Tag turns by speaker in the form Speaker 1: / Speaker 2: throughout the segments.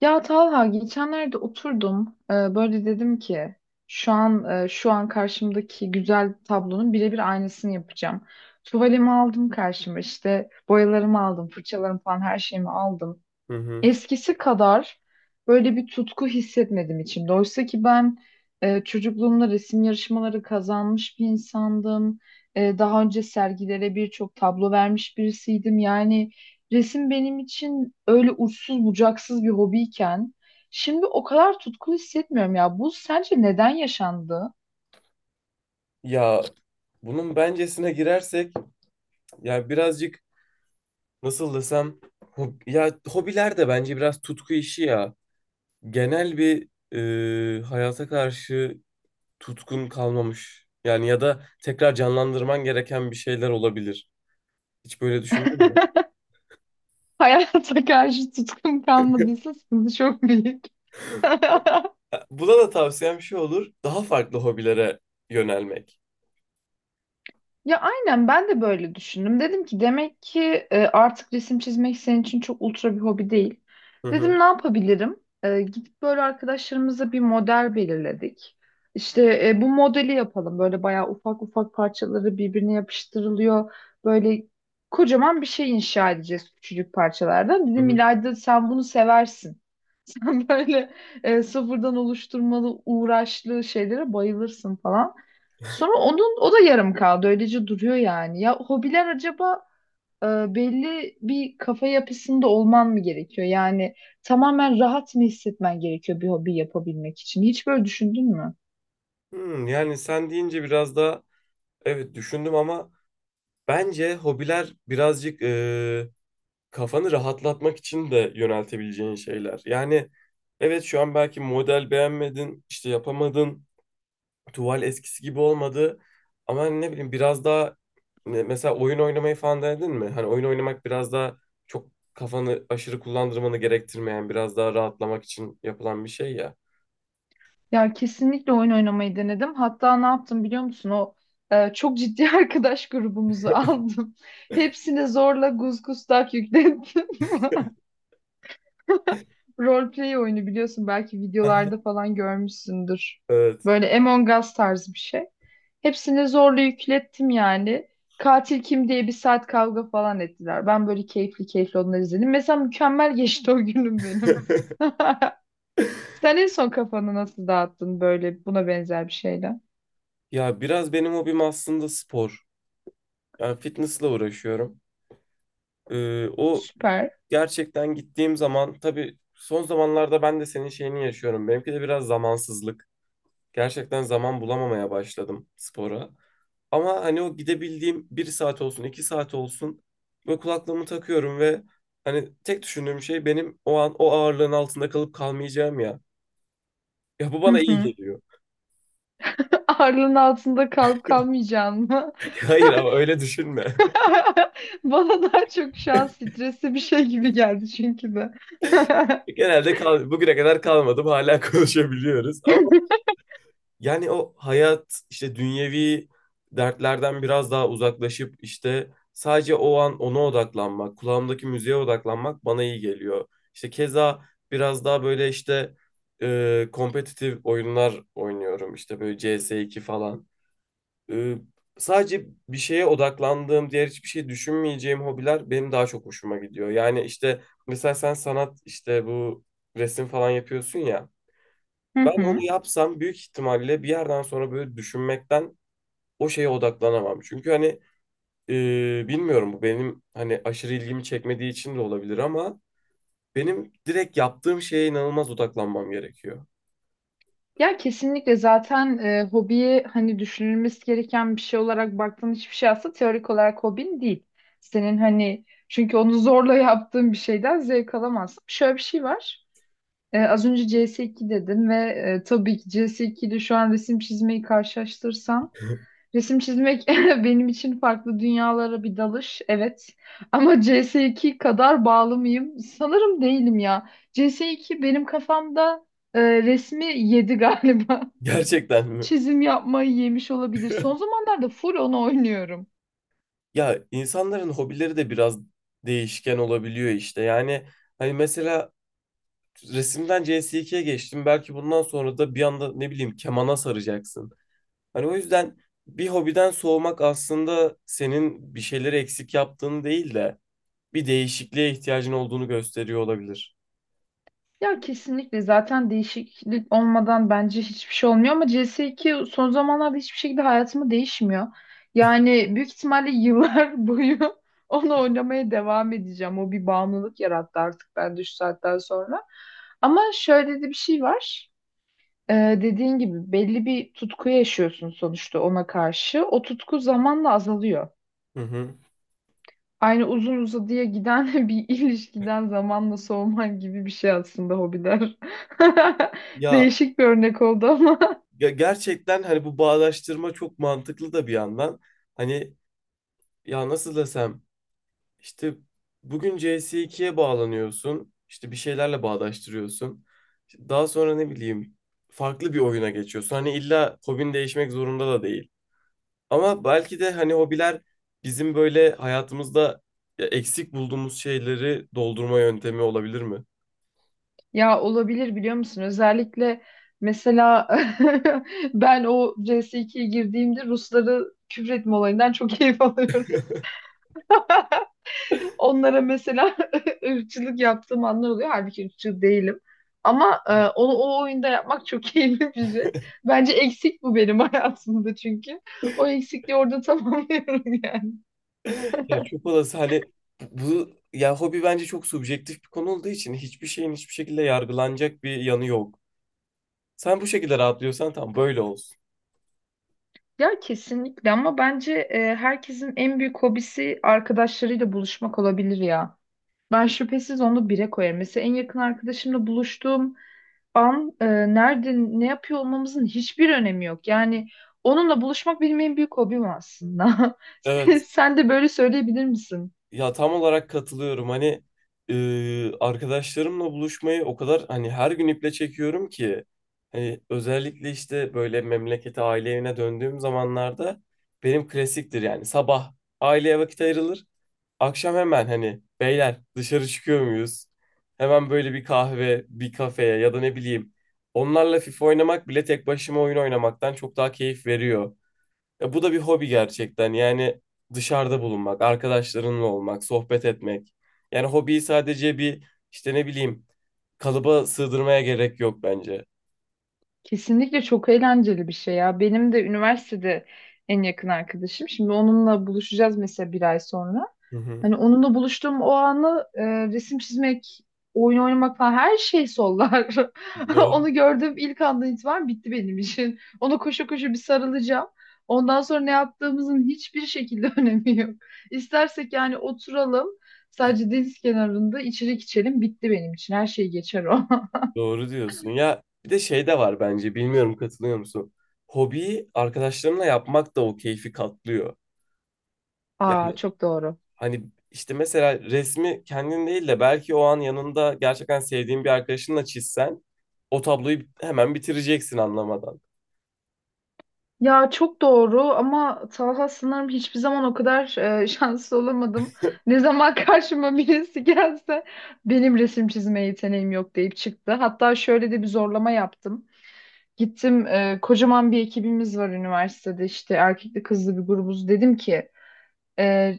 Speaker 1: Ya Talha geçenlerde oturdum böyle dedim ki şu an karşımdaki güzel tablonun birebir aynısını yapacağım. Tuvalimi aldım karşıma, işte boyalarımı aldım, fırçalarımı falan her şeyimi aldım,
Speaker 2: Hı hı.
Speaker 1: eskisi kadar böyle bir tutku hissetmedim içimde. Oysa ki ben çocukluğumda resim yarışmaları kazanmış bir insandım. Daha önce sergilere birçok tablo vermiş birisiydim. Yani resim benim için öyle uçsuz bucaksız bir hobiyken şimdi o kadar tutkulu hissetmiyorum ya. Bu sence neden yaşandı?
Speaker 2: Ya bunun bencesine girersek ya birazcık nasıl desem ya hobiler de bence biraz tutku işi ya. Genel bir hayata karşı tutkun kalmamış. Yani ya da tekrar canlandırman gereken bir şeyler olabilir. Hiç böyle düşündün mü?
Speaker 1: Hayata karşı tutkum kalmadıysa sıkıntı çok büyük.
Speaker 2: Ha, buna da tavsiyem şu olur. Daha farklı hobilere yönelmek.
Speaker 1: Ya aynen ben de böyle düşündüm. Dedim ki demek ki artık resim çizmek senin için çok ultra bir hobi değil.
Speaker 2: Hı
Speaker 1: Dedim
Speaker 2: hı.
Speaker 1: ne yapabilirim? Gidip böyle arkadaşlarımıza bir model belirledik. İşte bu modeli yapalım. Böyle bayağı ufak ufak parçaları birbirine yapıştırılıyor. Böyle kocaman bir şey inşa edeceğiz küçücük parçalardan.
Speaker 2: Hı
Speaker 1: Dedim,
Speaker 2: hı.
Speaker 1: İlayda sen bunu seversin. Böyle sıfırdan oluşturmalı uğraşlı şeylere bayılırsın falan. Sonra onun, o da yarım kaldı. Öylece duruyor yani. Ya hobiler acaba e, belli bir kafa yapısında olman mı gerekiyor? Yani tamamen rahat mı hissetmen gerekiyor bir hobi yapabilmek için? Hiç böyle düşündün mü?
Speaker 2: Hmm, yani sen deyince biraz daha evet düşündüm ama bence hobiler birazcık kafanı rahatlatmak için de yöneltebileceğin şeyler. Yani evet, şu an belki model beğenmedin, işte yapamadın, tuval eskisi gibi olmadı. Ama hani ne bileyim biraz daha mesela oyun oynamayı falan denedin mi? Hani oyun oynamak biraz daha çok kafanı aşırı kullandırmanı gerektirmeyen, biraz daha rahatlamak için yapılan bir şey ya.
Speaker 1: Ya kesinlikle oyun oynamayı denedim. Hatta ne yaptım biliyor musun? O çok ciddi arkadaş grubumuzu aldım. Hepsine zorla gusgustak yüklettim. Roleplay oyunu, biliyorsun, belki videolarda falan görmüşsündür.
Speaker 2: Evet.
Speaker 1: Böyle Among Us tarzı bir şey. Hepsini zorla yüklettim yani. Katil kim diye bir saat kavga falan ettiler. Ben böyle keyifli keyifli onları izledim. Mesela mükemmel geçti o günüm benim. Sen en son kafanı nasıl dağıttın böyle buna benzer bir şeyle?
Speaker 2: Ya biraz benim hobim aslında spor. Yani fitnessle uğraşıyorum. O
Speaker 1: Süper.
Speaker 2: gerçekten gittiğim zaman tabii son zamanlarda ben de senin şeyini yaşıyorum. Benimki de biraz zamansızlık. Gerçekten zaman bulamamaya başladım spora. Ama hani o gidebildiğim bir saat olsun, iki saat olsun ve kulaklığımı takıyorum ve hani tek düşündüğüm şey benim o an o ağırlığın altında kalıp kalmayacağım ya. Ya bu
Speaker 1: Hı
Speaker 2: bana iyi
Speaker 1: hı.
Speaker 2: geliyor.
Speaker 1: Ağırlığın altında kalıp kalmayacağın mı?
Speaker 2: Hayır, ama öyle düşünme.
Speaker 1: Bana daha çok şu an stresli bir şey gibi geldi çünkü de.
Speaker 2: Genelde kal bugüne kadar kalmadım, hala konuşabiliyoruz ama. Yani o hayat işte dünyevi dertlerden biraz daha uzaklaşıp işte sadece o an ona odaklanmak, kulağımdaki müziğe odaklanmak bana iyi geliyor. İşte keza biraz daha böyle işte kompetitif oyunlar oynuyorum. İşte böyle CS2 falan. E, sadece bir şeye odaklandığım, diğer hiçbir şey düşünmeyeceğim hobiler benim daha çok hoşuma gidiyor. Yani işte mesela sen sanat işte bu resim falan yapıyorsun ya.
Speaker 1: Hı
Speaker 2: Ben onu
Speaker 1: hı.
Speaker 2: yapsam büyük ihtimalle bir yerden sonra böyle düşünmekten o şeye odaklanamam. Çünkü hani bilmiyorum, bu benim hani aşırı ilgimi çekmediği için de olabilir ama benim direkt yaptığım şeye inanılmaz odaklanmam gerekiyor.
Speaker 1: Ya kesinlikle zaten hobiyi, hani düşünülmesi gereken bir şey olarak baktığın hiçbir şey aslında teorik olarak hobin değil. Senin hani, çünkü onu zorla yaptığın bir şeyden zevk alamazsın. Şöyle bir şey var. Az önce CS2 dedim ve tabii ki CS2 ile şu an resim çizmeyi karşılaştırsam, resim çizmek benim için farklı dünyalara bir dalış, evet. Ama CS2 kadar bağlı mıyım? Sanırım değilim ya. CS2 benim kafamda resmi yedi galiba.
Speaker 2: Gerçekten mi?
Speaker 1: Çizim yapmayı yemiş olabilir. Son zamanlarda full onu oynuyorum.
Speaker 2: Ya insanların hobileri de biraz değişken olabiliyor işte. Yani hani mesela resimden CS2'ye geçtim. Belki bundan sonra da bir anda ne bileyim kemana saracaksın. Hani o yüzden bir hobiden soğumak aslında senin bir şeyleri eksik yaptığını değil de bir değişikliğe ihtiyacın olduğunu gösteriyor olabilir.
Speaker 1: Ya kesinlikle zaten değişiklik olmadan bence hiçbir şey olmuyor, ama CS2 son zamanlarda hiçbir şekilde hayatımı değişmiyor. Yani büyük ihtimalle yıllar boyu onu oynamaya devam edeceğim. O bir bağımlılık yarattı artık ben şu saatten sonra. Ama şöyle de bir şey var. Dediğin gibi belli bir tutku yaşıyorsun sonuçta ona karşı. O tutku zamanla azalıyor.
Speaker 2: Hı hı.
Speaker 1: Aynı uzun uzadıya giden bir ilişkiden zamanla soğuman gibi bir şey aslında hobiler.
Speaker 2: Ya,
Speaker 1: Değişik bir örnek oldu ama.
Speaker 2: ya gerçekten hani bu bağdaştırma çok mantıklı da bir yandan. Hani ya nasıl desem işte bugün C S ikiye bağlanıyorsun. İşte bir şeylerle bağdaştırıyorsun. İşte daha sonra ne bileyim farklı bir oyuna geçiyorsun. Hani illa hobin değişmek zorunda da değil. Ama belki de hani hobiler bizim böyle hayatımızda ya eksik bulduğumuz şeyleri doldurma yöntemi olabilir mi?
Speaker 1: Ya olabilir, biliyor musun? Özellikle mesela ben o CS2'ye girdiğimde Rusları küfretme olayından çok keyif alıyorum. Onlara mesela ırkçılık yaptığım anlar oluyor. Halbuki ırkçı değilim. Ama onu o oyunda yapmak çok keyifli bir şey. Bence eksik bu benim hayatımda çünkü. O eksikliği orada tamamlıyorum yani.
Speaker 2: Ya çok olası hani ya hobi bence çok subjektif bir konu olduğu için hiçbir şeyin hiçbir şekilde yargılanacak bir yanı yok. Sen bu şekilde rahatlıyorsan tam böyle olsun.
Speaker 1: Ya kesinlikle, ama bence herkesin en büyük hobisi arkadaşlarıyla buluşmak olabilir ya. Ben şüphesiz onu bire koyarım. Mesela en yakın arkadaşımla buluştuğum an nerede ne yapıyor olmamızın hiçbir önemi yok. Yani onunla buluşmak benim en büyük hobim aslında. Sen,
Speaker 2: Evet.
Speaker 1: sen de böyle söyleyebilir misin?
Speaker 2: Ya tam olarak katılıyorum. Hani arkadaşlarımla buluşmayı o kadar hani her gün iple çekiyorum ki hani özellikle işte böyle memlekete aile evine döndüğüm zamanlarda benim klasiktir yani sabah aileye vakit ayrılır. Akşam hemen hani beyler dışarı çıkıyor muyuz? Hemen böyle bir kahve, bir kafeye ya da ne bileyim onlarla FIFA oynamak bile tek başıma oyun oynamaktan çok daha keyif veriyor. Ya bu da bir hobi gerçekten. Yani dışarıda bulunmak, arkadaşlarınla olmak, sohbet etmek. Yani hobiyi sadece bir işte ne bileyim kalıba sığdırmaya gerek yok bence.
Speaker 1: Kesinlikle çok eğlenceli bir şey ya. Benim de üniversitede en yakın arkadaşım. Şimdi onunla buluşacağız mesela, bir ay sonra.
Speaker 2: Hı hı.
Speaker 1: Hani onunla buluştuğum o anı resim çizmek, oyun oynamak falan, her şey sollar.
Speaker 2: Doğru,
Speaker 1: Onu gördüğüm ilk andan itibaren bitti benim için. Ona koşa koşa bir sarılacağım. Ondan sonra ne yaptığımızın hiçbir şekilde önemi yok. İstersek yani oturalım, sadece deniz kenarında içecek içelim, bitti benim için. Her şey geçer o.
Speaker 2: doğru diyorsun. Ya bir de şey de var bence. Bilmiyorum katılıyor musun? Hobiyi arkadaşlarınla yapmak da o keyfi katlıyor.
Speaker 1: Aa,
Speaker 2: Yani
Speaker 1: çok doğru.
Speaker 2: hani işte mesela resmi kendin değil de belki o an yanında gerçekten sevdiğin bir arkadaşınla çizsen o tabloyu hemen bitireceksin anlamadan.
Speaker 1: Ya çok doğru ama Talha, sanırım hiçbir zaman o kadar şanslı olamadım. Ne zaman karşıma birisi gelse, benim resim çizme yeteneğim yok deyip çıktı. Hatta şöyle de bir zorlama yaptım. Gittim, kocaman bir ekibimiz var üniversitede, işte erkekli kızlı bir grubuz. Dedim ki e,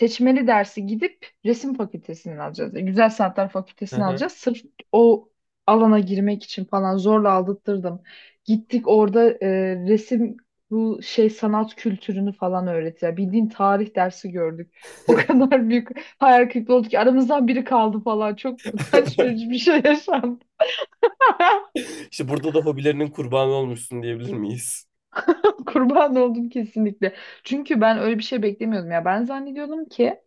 Speaker 1: seçmeli dersi gidip resim fakültesinden alacağız. Güzel Sanatlar
Speaker 2: Hı
Speaker 1: fakültesini
Speaker 2: hı.
Speaker 1: alacağız. Sırf o alana girmek için falan zorla aldırttırdım. Gittik orada resim, bu şey, sanat kültürünü falan öğretiyor. Bildiğin tarih dersi gördük. O kadar büyük hayal kırıklığı oldu ki aramızdan biri kaldı falan. Çok utanç verici bir şey yaşandı.
Speaker 2: İşte burada da hobilerinin kurbanı olmuşsun diyebilir miyiz?
Speaker 1: Kurban oldum kesinlikle. Çünkü ben öyle bir şey beklemiyordum ya. Ben zannediyordum ki,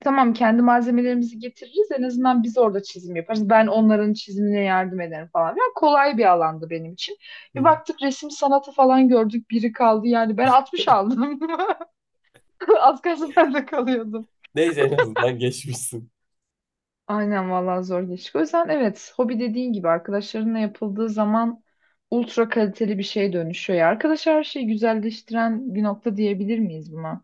Speaker 1: tamam, kendi malzemelerimizi getiririz. En azından biz orada çizim yaparız. Ben onların çizimine yardım ederim falan. Yani kolay bir alandı benim için.
Speaker 2: Hı
Speaker 1: Bir
Speaker 2: hı.
Speaker 1: baktık, resim sanatı falan gördük. Biri kaldı yani. Ben 60 aldım. Az kalsın ben de kalıyordum.
Speaker 2: Neyse, en azından geçmişsin.
Speaker 1: Aynen vallahi, zor geçti. O yüzden evet, hobi, dediğin gibi, arkadaşlarınla yapıldığı zaman ultra kaliteli bir şeye dönüşüyor ya. Arkadaş, her şeyi güzelleştiren bir nokta, diyebilir miyiz buna?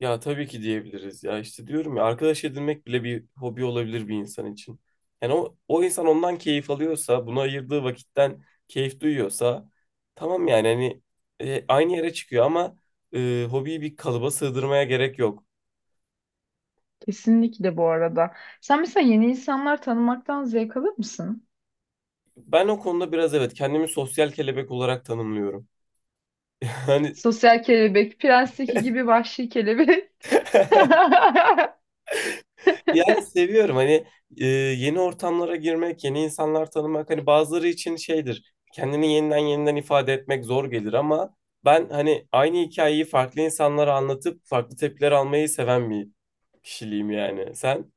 Speaker 2: Ya tabii ki diyebiliriz ya, işte diyorum ya arkadaş edinmek bile bir hobi olabilir bir insan için. Yani o insan ondan keyif alıyorsa, buna ayırdığı vakitten keyif duyuyorsa tamam yani hani aynı yere çıkıyor ama hobiyi bir kalıba sığdırmaya gerek yok.
Speaker 1: Kesinlikle bu arada. Sen mesela yeni insanlar tanımaktan zevk alır mısın?
Speaker 2: Ben o konuda biraz evet kendimi sosyal kelebek olarak tanımlıyorum. Yani
Speaker 1: Sosyal kelebek, Prens'teki gibi vahşi kelebek.
Speaker 2: yani seviyorum hani yeni ortamlara girmek, yeni insanlar tanımak hani bazıları için şeydir. Kendini yeniden ifade etmek zor gelir ama ben hani aynı hikayeyi farklı insanlara anlatıp farklı tepkiler almayı seven bir kişiliğim yani. Sen?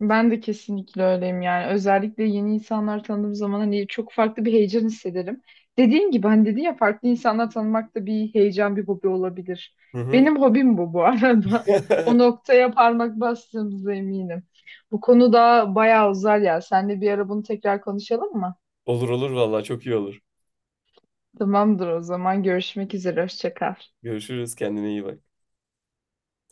Speaker 1: Ben de kesinlikle öyleyim yani. Özellikle yeni insanlar tanıdığım zaman hani çok farklı bir heyecan hissederim. Dediğim gibi, hani dedin ya, farklı insanlar tanımak da bir heyecan, bir hobi olabilir.
Speaker 2: Hı hı.
Speaker 1: Benim hobim bu arada. O noktaya parmak bastığımıza eminim. Bu konu daha bayağı uzar ya. Seninle bir ara bunu tekrar konuşalım mı?
Speaker 2: Olur olur vallahi çok iyi olur.
Speaker 1: Tamamdır o zaman. Görüşmek üzere. Hoşça kal.
Speaker 2: Görüşürüz, kendine iyi bak.